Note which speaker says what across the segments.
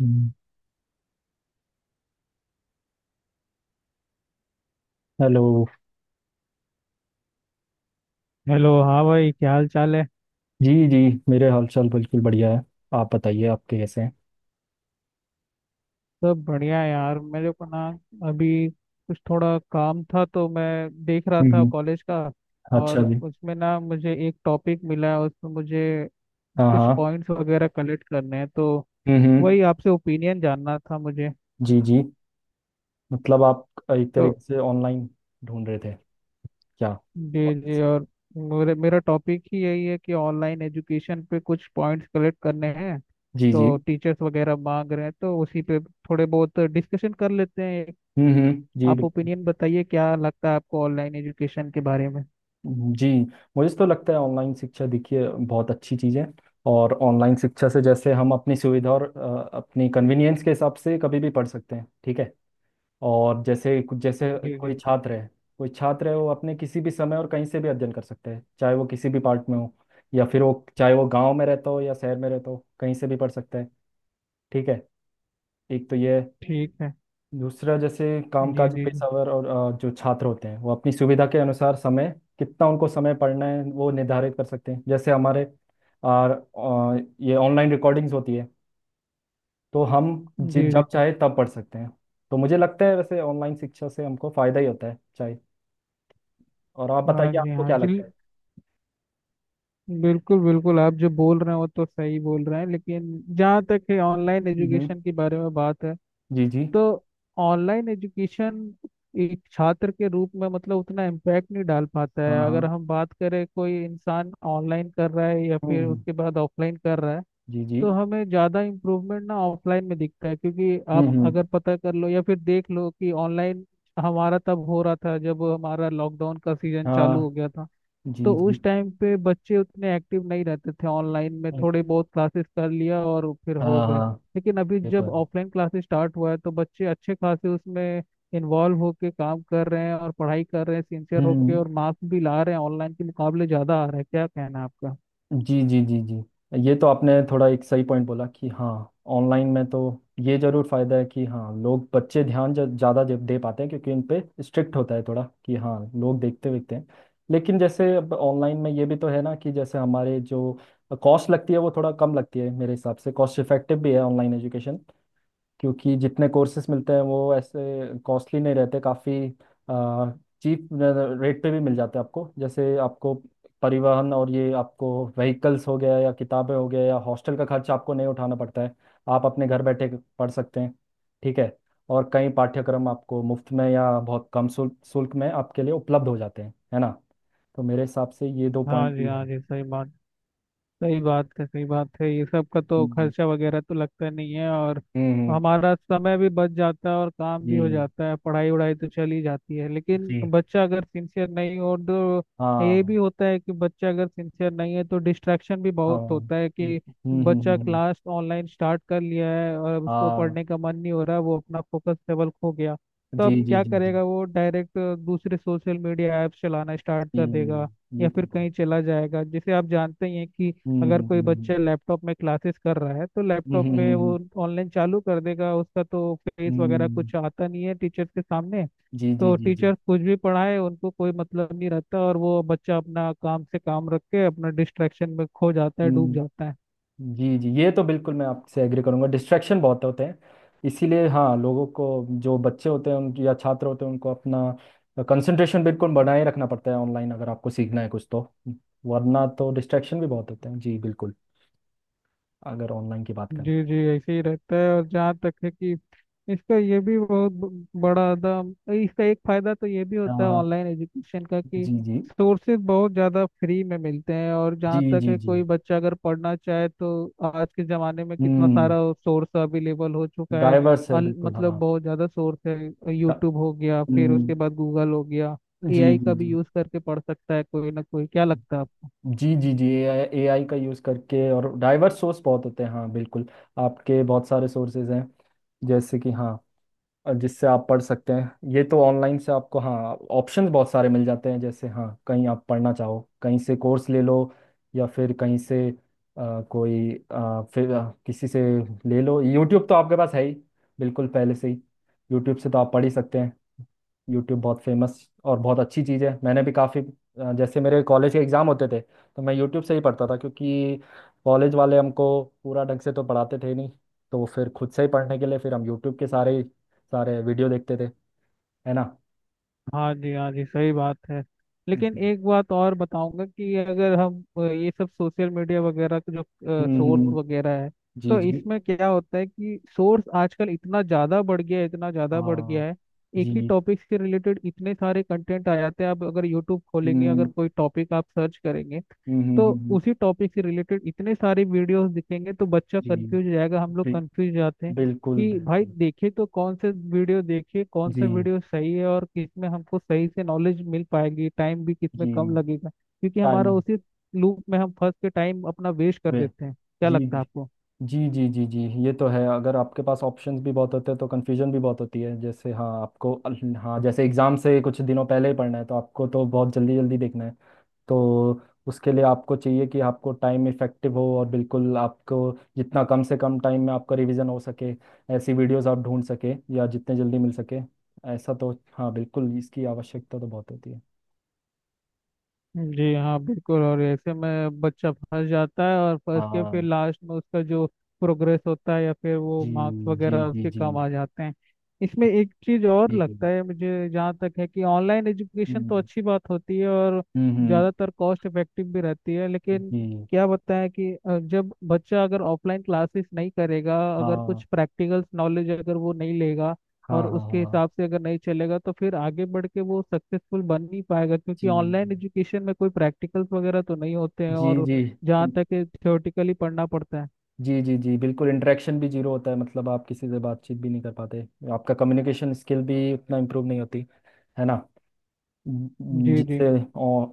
Speaker 1: हम्म। Hello.
Speaker 2: Hello. हाँ भाई, क्या हाल चाल है।
Speaker 1: जी, जी। मेरे हालचाल बिल्कुल बढ़िया है। आप बताइए आपके कैसे हैं?
Speaker 2: सब बढ़िया है यार। मेरे को ना अभी कुछ थोड़ा काम था, तो मैं देख रहा था
Speaker 1: हम्म।
Speaker 2: कॉलेज का।
Speaker 1: अच्छा
Speaker 2: और
Speaker 1: जी।
Speaker 2: उसमें ना मुझे एक टॉपिक मिला है, उसमें मुझे
Speaker 1: हाँ,
Speaker 2: कुछ
Speaker 1: हाँ।
Speaker 2: पॉइंट्स वगैरह कलेक्ट करने हैं, तो
Speaker 1: हम्म, हम्म।
Speaker 2: वही आपसे ओपिनियन जानना था मुझे।
Speaker 1: जी, जी। मतलब आप एक
Speaker 2: तो
Speaker 1: तरीके से ऑनलाइन ढूंढ रहे थे क्या?
Speaker 2: जी जी, और मेरे मेरा टॉपिक ही यही है कि ऑनलाइन एजुकेशन पे कुछ पॉइंट्स कलेक्ट करने हैं।
Speaker 1: जी, जी।
Speaker 2: तो टीचर्स वगैरह मांग रहे हैं, तो उसी पे थोड़े बहुत डिस्कशन कर लेते हैं।
Speaker 1: हम्म, हम्म। जी।
Speaker 2: आप ओपिनियन बताइए, क्या लगता है आपको ऑनलाइन एजुकेशन के बारे में।
Speaker 1: बिल्कुल जी। मुझे तो लगता है ऑनलाइन शिक्षा देखिए बहुत अच्छी चीज़ है। और ऑनलाइन शिक्षा से जैसे हम अपनी सुविधा और अपनी कन्वीनियंस के हिसाब से कभी भी पढ़ सकते हैं। ठीक है। और जैसे कुछ जैसे
Speaker 2: जी
Speaker 1: कोई
Speaker 2: जी।
Speaker 1: छात्र है कोई छात्र है वो अपने किसी भी समय और कहीं से भी अध्ययन कर सकता है चाहे वो किसी भी पार्ट में हो। या फिर वो चाहे वो गांव में रहता हो या शहर में रहता हो कहीं से भी पढ़ सकता है। ठीक है। एक तो ये है।
Speaker 2: ठीक है।
Speaker 1: दूसरा जैसे
Speaker 2: जी
Speaker 1: कामकाजी
Speaker 2: जी जी
Speaker 1: पेशेवर और जो छात्र होते हैं वो अपनी सुविधा के अनुसार समय कितना उनको समय पढ़ना है वो निर्धारित कर सकते हैं। जैसे हमारे और ये ऑनलाइन रिकॉर्डिंग्स होती है तो हम
Speaker 2: जी जी।
Speaker 1: जब चाहे तब पढ़ सकते हैं। तो मुझे लगता है वैसे ऑनलाइन शिक्षा से हमको फायदा ही होता है चाहे। और आप
Speaker 2: हाँ
Speaker 1: बताइए
Speaker 2: जी,
Speaker 1: आपको
Speaker 2: हाँ
Speaker 1: क्या
Speaker 2: जी,
Speaker 1: लगता है?
Speaker 2: बिल्कुल बिल्कुल, आप जो बोल रहे हैं वो तो सही बोल रहे हैं, लेकिन जहाँ तक है ऑनलाइन
Speaker 1: हम्म।
Speaker 2: एजुकेशन के बारे में बात है,
Speaker 1: जी, जी।
Speaker 2: तो ऑनलाइन एजुकेशन एक छात्र के रूप में मतलब उतना इम्पैक्ट नहीं डाल पाता
Speaker 1: हाँ,
Speaker 2: है। अगर
Speaker 1: हाँ।
Speaker 2: हम बात करें, कोई इंसान ऑनलाइन कर रहा है या फिर
Speaker 1: हम्म।
Speaker 2: उसके बाद ऑफलाइन कर रहा है,
Speaker 1: जी, जी।
Speaker 2: तो हमें ज़्यादा इम्प्रूवमेंट ना ऑफलाइन में दिखता है। क्योंकि
Speaker 1: हम्म,
Speaker 2: आप
Speaker 1: हम्म।
Speaker 2: अगर पता कर लो या फिर देख लो कि ऑनलाइन हमारा तब हो रहा था जब हमारा लॉकडाउन का सीजन चालू
Speaker 1: हाँ।
Speaker 2: हो गया था, तो
Speaker 1: जी, जी।
Speaker 2: उस टाइम पे बच्चे उतने एक्टिव नहीं रहते थे। ऑनलाइन में थोड़े बहुत क्लासेस कर लिया और फिर हो
Speaker 1: हाँ,
Speaker 2: गए।
Speaker 1: हाँ।
Speaker 2: लेकिन अभी
Speaker 1: ये तो
Speaker 2: जब
Speaker 1: है।
Speaker 2: ऑफलाइन क्लासेस स्टार्ट हुआ है, तो बच्चे अच्छे खासे उसमें इन्वॉल्व होके काम कर रहे हैं और पढ़ाई कर रहे हैं सिंसियर होके,
Speaker 1: हम्म।
Speaker 2: और मार्क्स भी ला रहे हैं, ऑनलाइन के मुकाबले ज़्यादा आ रहा है। क्या कहना है आपका?
Speaker 1: जी, जी, जी, जी। ये तो आपने थोड़ा एक सही पॉइंट बोला कि हाँ ऑनलाइन में तो ये जरूर फायदा है कि हाँ लोग बच्चे ध्यान ज़्यादा दे दे पाते हैं क्योंकि उन पे स्ट्रिक्ट होता है थोड़ा कि हाँ लोग देखते देखते हैं। लेकिन जैसे अब ऑनलाइन में ये भी तो है ना कि जैसे हमारे जो कॉस्ट लगती है वो थोड़ा कम लगती है, मेरे हिसाब से कॉस्ट इफेक्टिव भी है ऑनलाइन एजुकेशन, क्योंकि जितने कोर्सेस मिलते हैं वो ऐसे कॉस्टली नहीं रहते, काफ़ी चीप रेट पे भी मिल जाते हैं आपको। जैसे आपको परिवहन और ये आपको व्हीकल्स हो गया या किताबें हो गया या हॉस्टल का खर्च आपको नहीं उठाना पड़ता है, आप अपने घर बैठे पढ़ सकते हैं। ठीक है। और कई पाठ्यक्रम आपको मुफ्त में या बहुत कम शुल्क शुल्क में आपके लिए उपलब्ध हो जाते हैं है ना। तो मेरे हिसाब से ये दो
Speaker 2: हाँ
Speaker 1: पॉइंट
Speaker 2: जी,
Speaker 1: भी
Speaker 2: हाँ
Speaker 1: है।
Speaker 2: जी, सही बात। सही बात है, सही बात है। ये सब का तो
Speaker 1: हम्म,
Speaker 2: खर्चा वगैरह तो लगता नहीं है, और
Speaker 1: हम्म।
Speaker 2: हमारा समय भी बच जाता है और काम
Speaker 1: जी,
Speaker 2: भी हो जाता है, पढ़ाई वढ़ाई तो चल ही जाती है। लेकिन
Speaker 1: जी।
Speaker 2: बच्चा अगर सिंसियर नहीं हो तो ये भी
Speaker 1: हाँ,
Speaker 2: होता है कि बच्चा अगर सिंसियर नहीं है तो डिस्ट्रैक्शन भी
Speaker 1: हाँ।
Speaker 2: बहुत होता है।
Speaker 1: हम्म,
Speaker 2: कि
Speaker 1: हम्म,
Speaker 2: बच्चा
Speaker 1: हम्म।
Speaker 2: क्लास ऑनलाइन स्टार्ट कर लिया है और अब उसको
Speaker 1: हाँ।
Speaker 2: पढ़ने का मन नहीं हो रहा, वो अपना फोकस लेवल खो गया, तो
Speaker 1: जी,
Speaker 2: अब
Speaker 1: जी,
Speaker 2: क्या
Speaker 1: जी, जी,
Speaker 2: करेगा। वो डायरेक्ट दूसरे सोशल मीडिया ऐप्स चलाना स्टार्ट
Speaker 1: जी।
Speaker 2: कर देगा
Speaker 1: ये
Speaker 2: या
Speaker 1: तो
Speaker 2: फिर
Speaker 1: बहुत
Speaker 2: कहीं
Speaker 1: दिक्कत।
Speaker 2: चला जाएगा। जैसे आप जानते ही हैं कि अगर
Speaker 1: हम्म,
Speaker 2: कोई
Speaker 1: हम्म,
Speaker 2: बच्चा लैपटॉप में क्लासेस कर रहा है तो
Speaker 1: हम्म,
Speaker 2: लैपटॉप में वो ऑनलाइन चालू कर देगा, उसका तो फेस वगैरह
Speaker 1: हम्म।
Speaker 2: कुछ आता नहीं है टीचर्स के सामने,
Speaker 1: जी, जी,
Speaker 2: तो
Speaker 1: जी, जी।
Speaker 2: टीचर्स कुछ भी पढ़ाए उनको कोई मतलब नहीं रहता। और वो बच्चा अपना काम से काम रख के अपना डिस्ट्रैक्शन में खो जाता है, डूब
Speaker 1: हम्म।
Speaker 2: जाता है।
Speaker 1: जी, जी। ये तो बिल्कुल मैं आपसे एग्री करूंगा, डिस्ट्रैक्शन बहुत होते हैं। इसीलिए हाँ लोगों को जो बच्चे होते हैं उन या छात्र होते हैं उनको अपना कंसंट्रेशन बिल्कुल बनाए रखना पड़ता है ऑनलाइन अगर आपको सीखना है कुछ तो। वरना तो डिस्ट्रैक्शन भी बहुत होते हैं जी बिल्कुल अगर ऑनलाइन की बात करें।
Speaker 2: जी जी, ऐसे ही रहता है। और जहाँ तक है कि इसका ये भी बहुत बड़ा दाम, इसका एक फायदा तो ये भी
Speaker 1: हाँ,
Speaker 2: होता है
Speaker 1: हाँ।
Speaker 2: ऑनलाइन एजुकेशन का कि
Speaker 1: जी, जी,
Speaker 2: सोर्सेज बहुत ज़्यादा फ्री में मिलते हैं। और
Speaker 1: जी,
Speaker 2: जहाँ तक
Speaker 1: जी,
Speaker 2: है,
Speaker 1: जी।
Speaker 2: कोई बच्चा अगर पढ़ना चाहे तो आज के ज़माने में कितना
Speaker 1: हम्म।
Speaker 2: सारा सोर्स अवेलेबल हो चुका है।
Speaker 1: डाइवर्स है बिल्कुल
Speaker 2: मतलब
Speaker 1: हाँ।
Speaker 2: बहुत ज़्यादा सोर्स है,
Speaker 1: हाँ।
Speaker 2: यूट्यूब हो गया, फिर
Speaker 1: हम्म।
Speaker 2: उसके बाद गूगल हो गया,
Speaker 1: जी,
Speaker 2: एआई का भी
Speaker 1: जी,
Speaker 2: यूज़ करके पढ़ सकता है कोई ना कोई। क्या लगता है आपको?
Speaker 1: जी, जी, जी, जी। AI का यूज़ करके और डाइवर्स सोर्स बहुत होते हैं, हाँ बिल्कुल। आपके बहुत सारे सोर्सेज हैं जैसे कि हाँ, और जिससे आप पढ़ सकते हैं। ये तो ऑनलाइन से आपको हाँ ऑप्शंस बहुत सारे मिल जाते हैं, जैसे हाँ कहीं आप पढ़ना चाहो कहीं से कोर्स ले लो या फिर कहीं से कोई फिर किसी से ले लो। यूट्यूब तो आपके पास है ही, बिल्कुल पहले से ही। यूट्यूब से तो आप पढ़ ही सकते हैं। यूट्यूब बहुत फेमस और बहुत अच्छी चीज़ है। मैंने भी काफ़ी, जैसे मेरे कॉलेज के एग्ज़ाम होते थे तो मैं यूट्यूब से ही पढ़ता था क्योंकि कॉलेज वाले हमको पूरा ढंग से तो पढ़ाते थे नहीं, तो फिर खुद से ही पढ़ने के लिए फिर हम यूट्यूब के सारे सारे वीडियो देखते थे, है ना।
Speaker 2: हाँ जी, हाँ जी, सही बात है। लेकिन
Speaker 1: हम्म,
Speaker 2: एक बात और बताऊंगा कि अगर हम ये सब सोशल मीडिया वगैरह का जो सोर्स
Speaker 1: हम्म।
Speaker 2: वगैरह है,
Speaker 1: जी,
Speaker 2: तो
Speaker 1: जी।
Speaker 2: इसमें क्या होता है कि सोर्स आजकल इतना ज़्यादा बढ़ गया है, इतना ज़्यादा बढ़
Speaker 1: हाँ।
Speaker 2: गया है। एक ही
Speaker 1: जी।
Speaker 2: टॉपिक से रिलेटेड इतने सारे कंटेंट आ जाते हैं। आप अगर यूट्यूब खोलेंगे, अगर
Speaker 1: हम्म,
Speaker 2: कोई टॉपिक आप सर्च करेंगे,
Speaker 1: हम्म,
Speaker 2: तो
Speaker 1: हम्म। हम्म।
Speaker 2: उसी टॉपिक से रिलेटेड इतने सारे वीडियोस दिखेंगे, तो बच्चा
Speaker 1: जी।
Speaker 2: कंफ्यूज हो जाएगा, हम लोग
Speaker 1: बि,
Speaker 2: कंफ्यूज जाते हैं
Speaker 1: बिल्कुल
Speaker 2: कि भाई
Speaker 1: बिल्कुल।
Speaker 2: देखे तो कौन से वीडियो देखे, कौन
Speaker 1: जी,
Speaker 2: से वीडियो सही है और किसमें हमको सही से नॉलेज मिल पाएगी, टाइम भी किसमें कम
Speaker 1: जी।
Speaker 2: लगेगा। क्योंकि
Speaker 1: टाइम
Speaker 2: हमारा उसी लूप में हम फंस के टाइम अपना वेस्ट कर
Speaker 1: वे।
Speaker 2: देते हैं। क्या
Speaker 1: जी,
Speaker 2: लगता है
Speaker 1: जी,
Speaker 2: आपको?
Speaker 1: जी, जी, जी, जी। ये तो है, अगर आपके पास ऑप्शंस भी बहुत होते हैं तो कन्फ्यूजन भी बहुत होती है। जैसे हाँ आपको हाँ जैसे एग्ज़ाम से कुछ दिनों पहले ही पढ़ना है तो आपको तो बहुत जल्दी जल्दी देखना है। तो उसके लिए आपको चाहिए कि आपको टाइम इफेक्टिव हो और बिल्कुल आपको जितना कम से कम टाइम में आपका रिवीजन हो सके ऐसी वीडियोस आप ढूंढ सके, या जितने जल्दी मिल सके ऐसा तो, हाँ बिल्कुल इसकी आवश्यकता तो बहुत होती है।
Speaker 2: जी हाँ, बिल्कुल। और ऐसे में बच्चा फंस जाता है और फंस के फिर
Speaker 1: हाँ।
Speaker 2: लास्ट में उसका जो प्रोग्रेस होता है या फिर वो
Speaker 1: जी,
Speaker 2: मार्क्स
Speaker 1: जी,
Speaker 2: वगैरह
Speaker 1: जी,
Speaker 2: उसके
Speaker 1: जी,
Speaker 2: कम आ जाते हैं। इसमें एक चीज और
Speaker 1: जी।
Speaker 2: लगता है मुझे, जहाँ तक है कि ऑनलाइन एजुकेशन तो
Speaker 1: हम्म,
Speaker 2: अच्छी बात होती है और
Speaker 1: हम्म, हम्म।
Speaker 2: ज़्यादातर कॉस्ट इफेक्टिव भी रहती है। लेकिन
Speaker 1: जी।
Speaker 2: क्या बताएं कि जब बच्चा अगर ऑफलाइन क्लासेस नहीं करेगा, अगर
Speaker 1: हाँ,
Speaker 2: कुछ प्रैक्टिकल नॉलेज अगर वो नहीं लेगा
Speaker 1: हाँ,
Speaker 2: और
Speaker 1: हाँ।
Speaker 2: उसके
Speaker 1: हाँ।
Speaker 2: हिसाब से अगर नहीं चलेगा, तो फिर आगे बढ़ के वो सक्सेसफुल बन नहीं पाएगा।
Speaker 1: जी,
Speaker 2: क्योंकि ऑनलाइन एजुकेशन में कोई प्रैक्टिकल्स वगैरह तो नहीं होते हैं,
Speaker 1: जी,
Speaker 2: और
Speaker 1: जी,
Speaker 2: जहाँ तक थ्योरेटिकली पढ़ना पड़ता है।
Speaker 1: जी, जी, जी। बिल्कुल इंटरेक्शन भी जीरो होता है, मतलब आप किसी से बातचीत भी नहीं कर पाते। आपका कम्युनिकेशन स्किल भी उतना इम्प्रूव नहीं होती, है ना। ज-
Speaker 2: जी जी।
Speaker 1: जिससे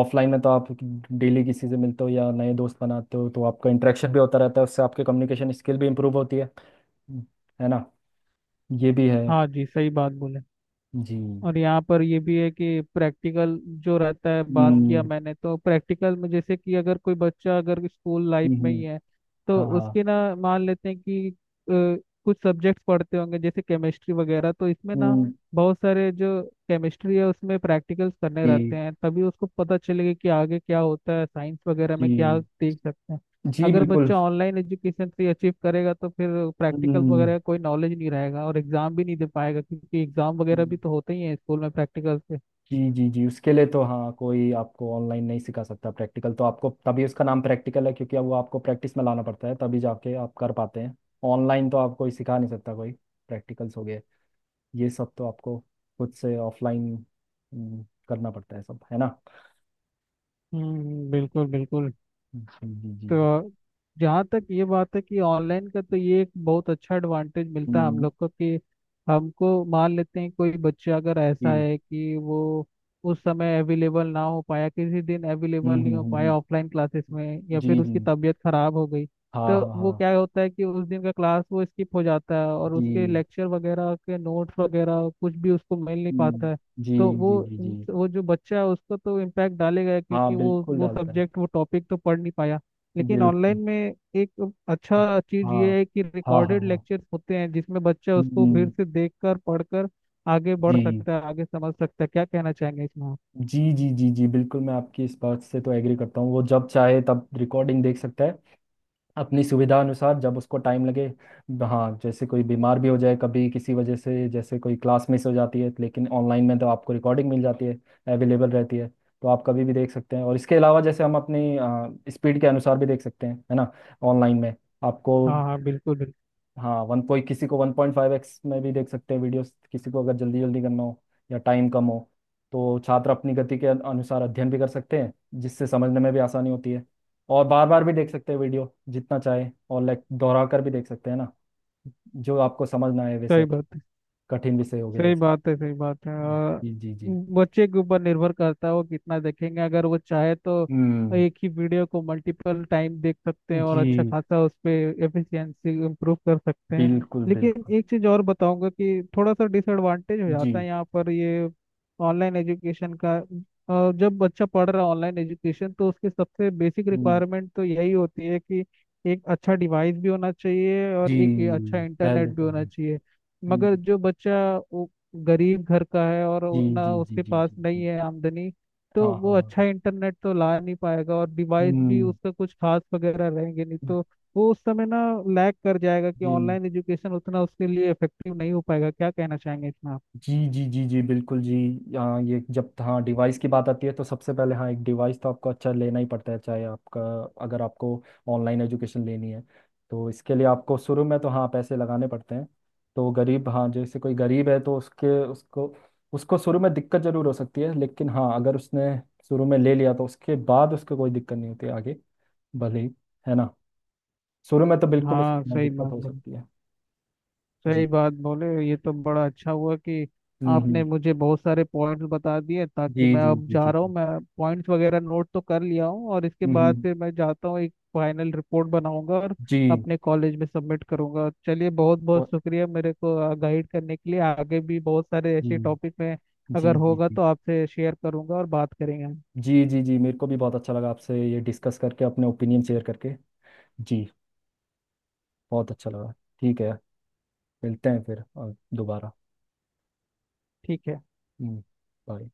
Speaker 1: ऑफलाइन में तो आप डेली किसी से मिलते हो या नए दोस्त बनाते हो तो आपका इंटरेक्शन भी होता रहता है, उससे आपके कम्युनिकेशन स्किल भी इम्प्रूव होती है ना। ये भी है।
Speaker 2: हाँ जी, सही बात बोले।
Speaker 1: जी।
Speaker 2: और यहाँ पर ये भी है कि प्रैक्टिकल जो रहता है, बात किया
Speaker 1: हम्म,
Speaker 2: मैंने, तो प्रैक्टिकल में जैसे कि अगर कोई बच्चा अगर स्कूल लाइफ
Speaker 1: हम्म,
Speaker 2: में ही
Speaker 1: हम्म।
Speaker 2: है तो
Speaker 1: हाँ, हाँ।
Speaker 2: उसके ना, मान लेते हैं कि कुछ सब्जेक्ट्स पढ़ते होंगे जैसे केमिस्ट्री वगैरह, तो इसमें ना
Speaker 1: हम्म।
Speaker 2: बहुत सारे जो केमिस्ट्री है उसमें प्रैक्टिकल्स करने रहते
Speaker 1: जी,
Speaker 2: हैं, तभी उसको पता चलेगा कि आगे क्या होता है, साइंस वगैरह में क्या
Speaker 1: जी,
Speaker 2: देख सकते हैं।
Speaker 1: जी
Speaker 2: अगर
Speaker 1: बिल्कुल।
Speaker 2: बच्चा ऑनलाइन एजुकेशन से अचीव करेगा तो फिर प्रैक्टिकल वगैरह
Speaker 1: हम्म।
Speaker 2: का कोई नॉलेज नहीं रहेगा और एग्जाम भी नहीं दे पाएगा, क्योंकि एग्जाम वगैरह भी तो होते ही हैं स्कूल में प्रैक्टिकल से।
Speaker 1: जी, जी, जी। उसके लिए तो हाँ कोई आपको ऑनलाइन नहीं सिखा सकता। प्रैक्टिकल तो आपको तभी उसका नाम प्रैक्टिकल है, क्योंकि अब वो आपको प्रैक्टिस में लाना पड़ता है तभी जाके आप कर पाते हैं। ऑनलाइन तो आपको सिखा नहीं सकता कोई, प्रैक्टिकल्स हो गए ये सब तो आपको खुद से ऑफलाइन करना पड़ता है सब, है ना।
Speaker 2: हम्म, बिल्कुल बिल्कुल।
Speaker 1: जी, जी, जी, जी।
Speaker 2: तो जहाँ तक ये बात है कि ऑनलाइन का तो ये एक बहुत अच्छा एडवांटेज मिलता है हम
Speaker 1: हम्म।
Speaker 2: लोग को, कि हमको मान लेते हैं कोई बच्चा अगर ऐसा
Speaker 1: जी।
Speaker 2: है कि वो उस समय अवेलेबल ना हो पाया, किसी दिन अवेलेबल नहीं हो पाया
Speaker 1: हम्म।
Speaker 2: ऑफलाइन क्लासेस में, या फिर
Speaker 1: जी, जी।
Speaker 2: उसकी तबीयत खराब हो गई,
Speaker 1: हाँ,
Speaker 2: तो
Speaker 1: हाँ,
Speaker 2: वो
Speaker 1: हाँ।
Speaker 2: क्या होता है कि उस दिन का क्लास वो स्किप हो जाता है और उसके
Speaker 1: जी।
Speaker 2: लेक्चर वगैरह के नोट्स वगैरह कुछ भी उसको मिल नहीं
Speaker 1: हम्म।
Speaker 2: पाता है।
Speaker 1: जी,
Speaker 2: तो वो
Speaker 1: जी, जी, जी।
Speaker 2: वो जो बच्चा है उसको तो इम्पैक्ट डालेगा,
Speaker 1: हाँ
Speaker 2: क्योंकि वो
Speaker 1: बिल्कुल
Speaker 2: वो
Speaker 1: डालता है।
Speaker 2: सब्जेक्ट वो टॉपिक तो पढ़ नहीं पाया। लेकिन ऑनलाइन
Speaker 1: बिल्कुल।
Speaker 2: में एक अच्छा चीज
Speaker 1: हाँ,
Speaker 2: ये है कि
Speaker 1: हाँ, हाँ,
Speaker 2: रिकॉर्डेड
Speaker 1: हाँ।
Speaker 2: लेक्चर होते हैं, जिसमें बच्चा उसको फिर
Speaker 1: हम्म।
Speaker 2: से देखकर पढ़कर आगे बढ़
Speaker 1: जी,
Speaker 2: सकता है, आगे समझ सकता है। क्या कहना चाहेंगे इसमें आप?
Speaker 1: जी, जी, जी, जी बिल्कुल। मैं आपकी इस बात से तो एग्री करता हूँ, वो जब चाहे तब रिकॉर्डिंग देख सकता है अपनी सुविधा अनुसार जब उसको टाइम लगे। हाँ जैसे कोई बीमार भी हो जाए कभी किसी वजह से जैसे कोई क्लास मिस हो जाती है, लेकिन ऑनलाइन में तो आपको रिकॉर्डिंग मिल जाती है, अवेलेबल रहती है, तो आप कभी भी देख सकते हैं। और इसके अलावा जैसे हम अपनी स्पीड के अनुसार भी देख सकते हैं, है ना, ऑनलाइन में आपको,
Speaker 2: हाँ हाँ, बिल्कुल बिल्कुल।
Speaker 1: हाँ वन पॉइंट किसी को 1.5x में भी देख सकते हैं वीडियोस, किसी को अगर जल्दी जल्दी करना हो या टाइम कम हो तो छात्र अपनी गति के अनुसार अध्ययन भी कर सकते हैं जिससे समझने में भी आसानी होती है। और बार बार भी देख सकते हैं वीडियो जितना चाहे, और लाइक दोहरा कर भी देख सकते हैं ना जो आपको समझना है,
Speaker 2: सही
Speaker 1: वैसे
Speaker 2: बात,
Speaker 1: कठिन विषय हो गए
Speaker 2: सही
Speaker 1: जैसे।
Speaker 2: बात है, सही बात है। और
Speaker 1: जी, जी, जी।
Speaker 2: बच्चे के ऊपर निर्भर करता है वो कितना देखेंगे। अगर वो चाहे तो
Speaker 1: हम्म।
Speaker 2: एक ही वीडियो को मल्टीपल टाइम देख सकते हैं और अच्छा
Speaker 1: जी
Speaker 2: खासा उस पे एफिशिएंसी इम्प्रूव कर सकते हैं।
Speaker 1: बिल्कुल
Speaker 2: लेकिन
Speaker 1: बिल्कुल।
Speaker 2: एक चीज़ और बताऊंगा कि थोड़ा सा डिसएडवांटेज हो
Speaker 1: जी।
Speaker 2: जाता है यहाँ पर, ये ऑनलाइन एजुकेशन का। जब बच्चा पढ़ रहा है ऑनलाइन एजुकेशन, तो उसकी सबसे बेसिक
Speaker 1: हम्म।
Speaker 2: रिक्वायरमेंट तो यही होती है कि एक अच्छा डिवाइस भी होना चाहिए
Speaker 1: जी।
Speaker 2: और एक अच्छा इंटरनेट
Speaker 1: पहले
Speaker 2: भी
Speaker 1: तो
Speaker 2: होना
Speaker 1: हम।
Speaker 2: चाहिए। मगर
Speaker 1: हम्म।
Speaker 2: जो बच्चा वो गरीब घर का है और
Speaker 1: जी, जी,
Speaker 2: उतना
Speaker 1: जी,
Speaker 2: उसके
Speaker 1: जी,
Speaker 2: पास
Speaker 1: जी,
Speaker 2: नहीं
Speaker 1: जी।
Speaker 2: है आमदनी,
Speaker 1: हाँ,
Speaker 2: तो वो
Speaker 1: हाँ,
Speaker 2: अच्छा
Speaker 1: हाँ।
Speaker 2: इंटरनेट तो ला नहीं पाएगा और डिवाइस भी
Speaker 1: हम्म।
Speaker 2: उसका कुछ खास वगैरह रहेंगे नहीं, तो वो उस समय ना लैग कर जाएगा कि
Speaker 1: जी,
Speaker 2: ऑनलाइन एजुकेशन उतना उसके लिए इफेक्टिव नहीं हो पाएगा। क्या कहना चाहेंगे इसमें आप?
Speaker 1: जी, जी, जी, जी बिल्कुल जी। यहाँ ये जब तो हाँ डिवाइस की बात आती है तो सबसे पहले हाँ एक डिवाइस तो आपको अच्छा लेना ही पड़ता है चाहे आपका, अगर आपको ऑनलाइन एजुकेशन लेनी है तो इसके लिए आपको शुरू में तो हाँ पैसे लगाने पड़ते हैं। तो गरीब हाँ जैसे कोई गरीब है तो उसके उसको उसको शुरू में दिक्कत जरूर हो सकती है। लेकिन हाँ अगर उसने शुरू में ले लिया तो उसके बाद उसको कोई दिक्कत नहीं होती आगे, भले ही, है ना। शुरू में तो बिल्कुल उसको
Speaker 2: हाँ,
Speaker 1: हाँ,
Speaker 2: सही
Speaker 1: दिक्कत
Speaker 2: बात
Speaker 1: हो
Speaker 2: बोली,
Speaker 1: सकती है। जी।
Speaker 2: सही बात बोले। ये तो बड़ा अच्छा हुआ कि
Speaker 1: हम्म,
Speaker 2: आपने
Speaker 1: हम्म।
Speaker 2: मुझे बहुत सारे पॉइंट्स बता दिए।
Speaker 1: जी,
Speaker 2: ताकि मैं
Speaker 1: जी,
Speaker 2: अब
Speaker 1: जी,
Speaker 2: जा
Speaker 1: जी,
Speaker 2: रहा हूँ,
Speaker 1: जी।
Speaker 2: मैं पॉइंट्स वगैरह नोट तो कर लिया हूँ, और इसके
Speaker 1: हम्म,
Speaker 2: बाद
Speaker 1: हम्म।
Speaker 2: फिर मैं जाता हूँ, एक फाइनल रिपोर्ट बनाऊंगा और
Speaker 1: जी।
Speaker 2: अपने कॉलेज में सबमिट करूंगा। चलिए, बहुत बहुत
Speaker 1: वो-
Speaker 2: शुक्रिया मेरे को गाइड करने के लिए। आगे भी बहुत सारे
Speaker 1: जी,
Speaker 2: ऐसे टॉपिक में
Speaker 1: जी,
Speaker 2: अगर
Speaker 1: जी,
Speaker 2: होगा
Speaker 1: जी,
Speaker 2: तो आपसे शेयर करूंगा और बात करेंगे हम।
Speaker 1: जी, जी। जी मेरे को भी बहुत अच्छा लगा आपसे ये डिस्कस करके अपने ओपिनियन शेयर करके। जी, बहुत अच्छा लगा। ठीक है। मिलते हैं फिर दोबारा।
Speaker 2: ठीक है।
Speaker 1: हम्म। बाय।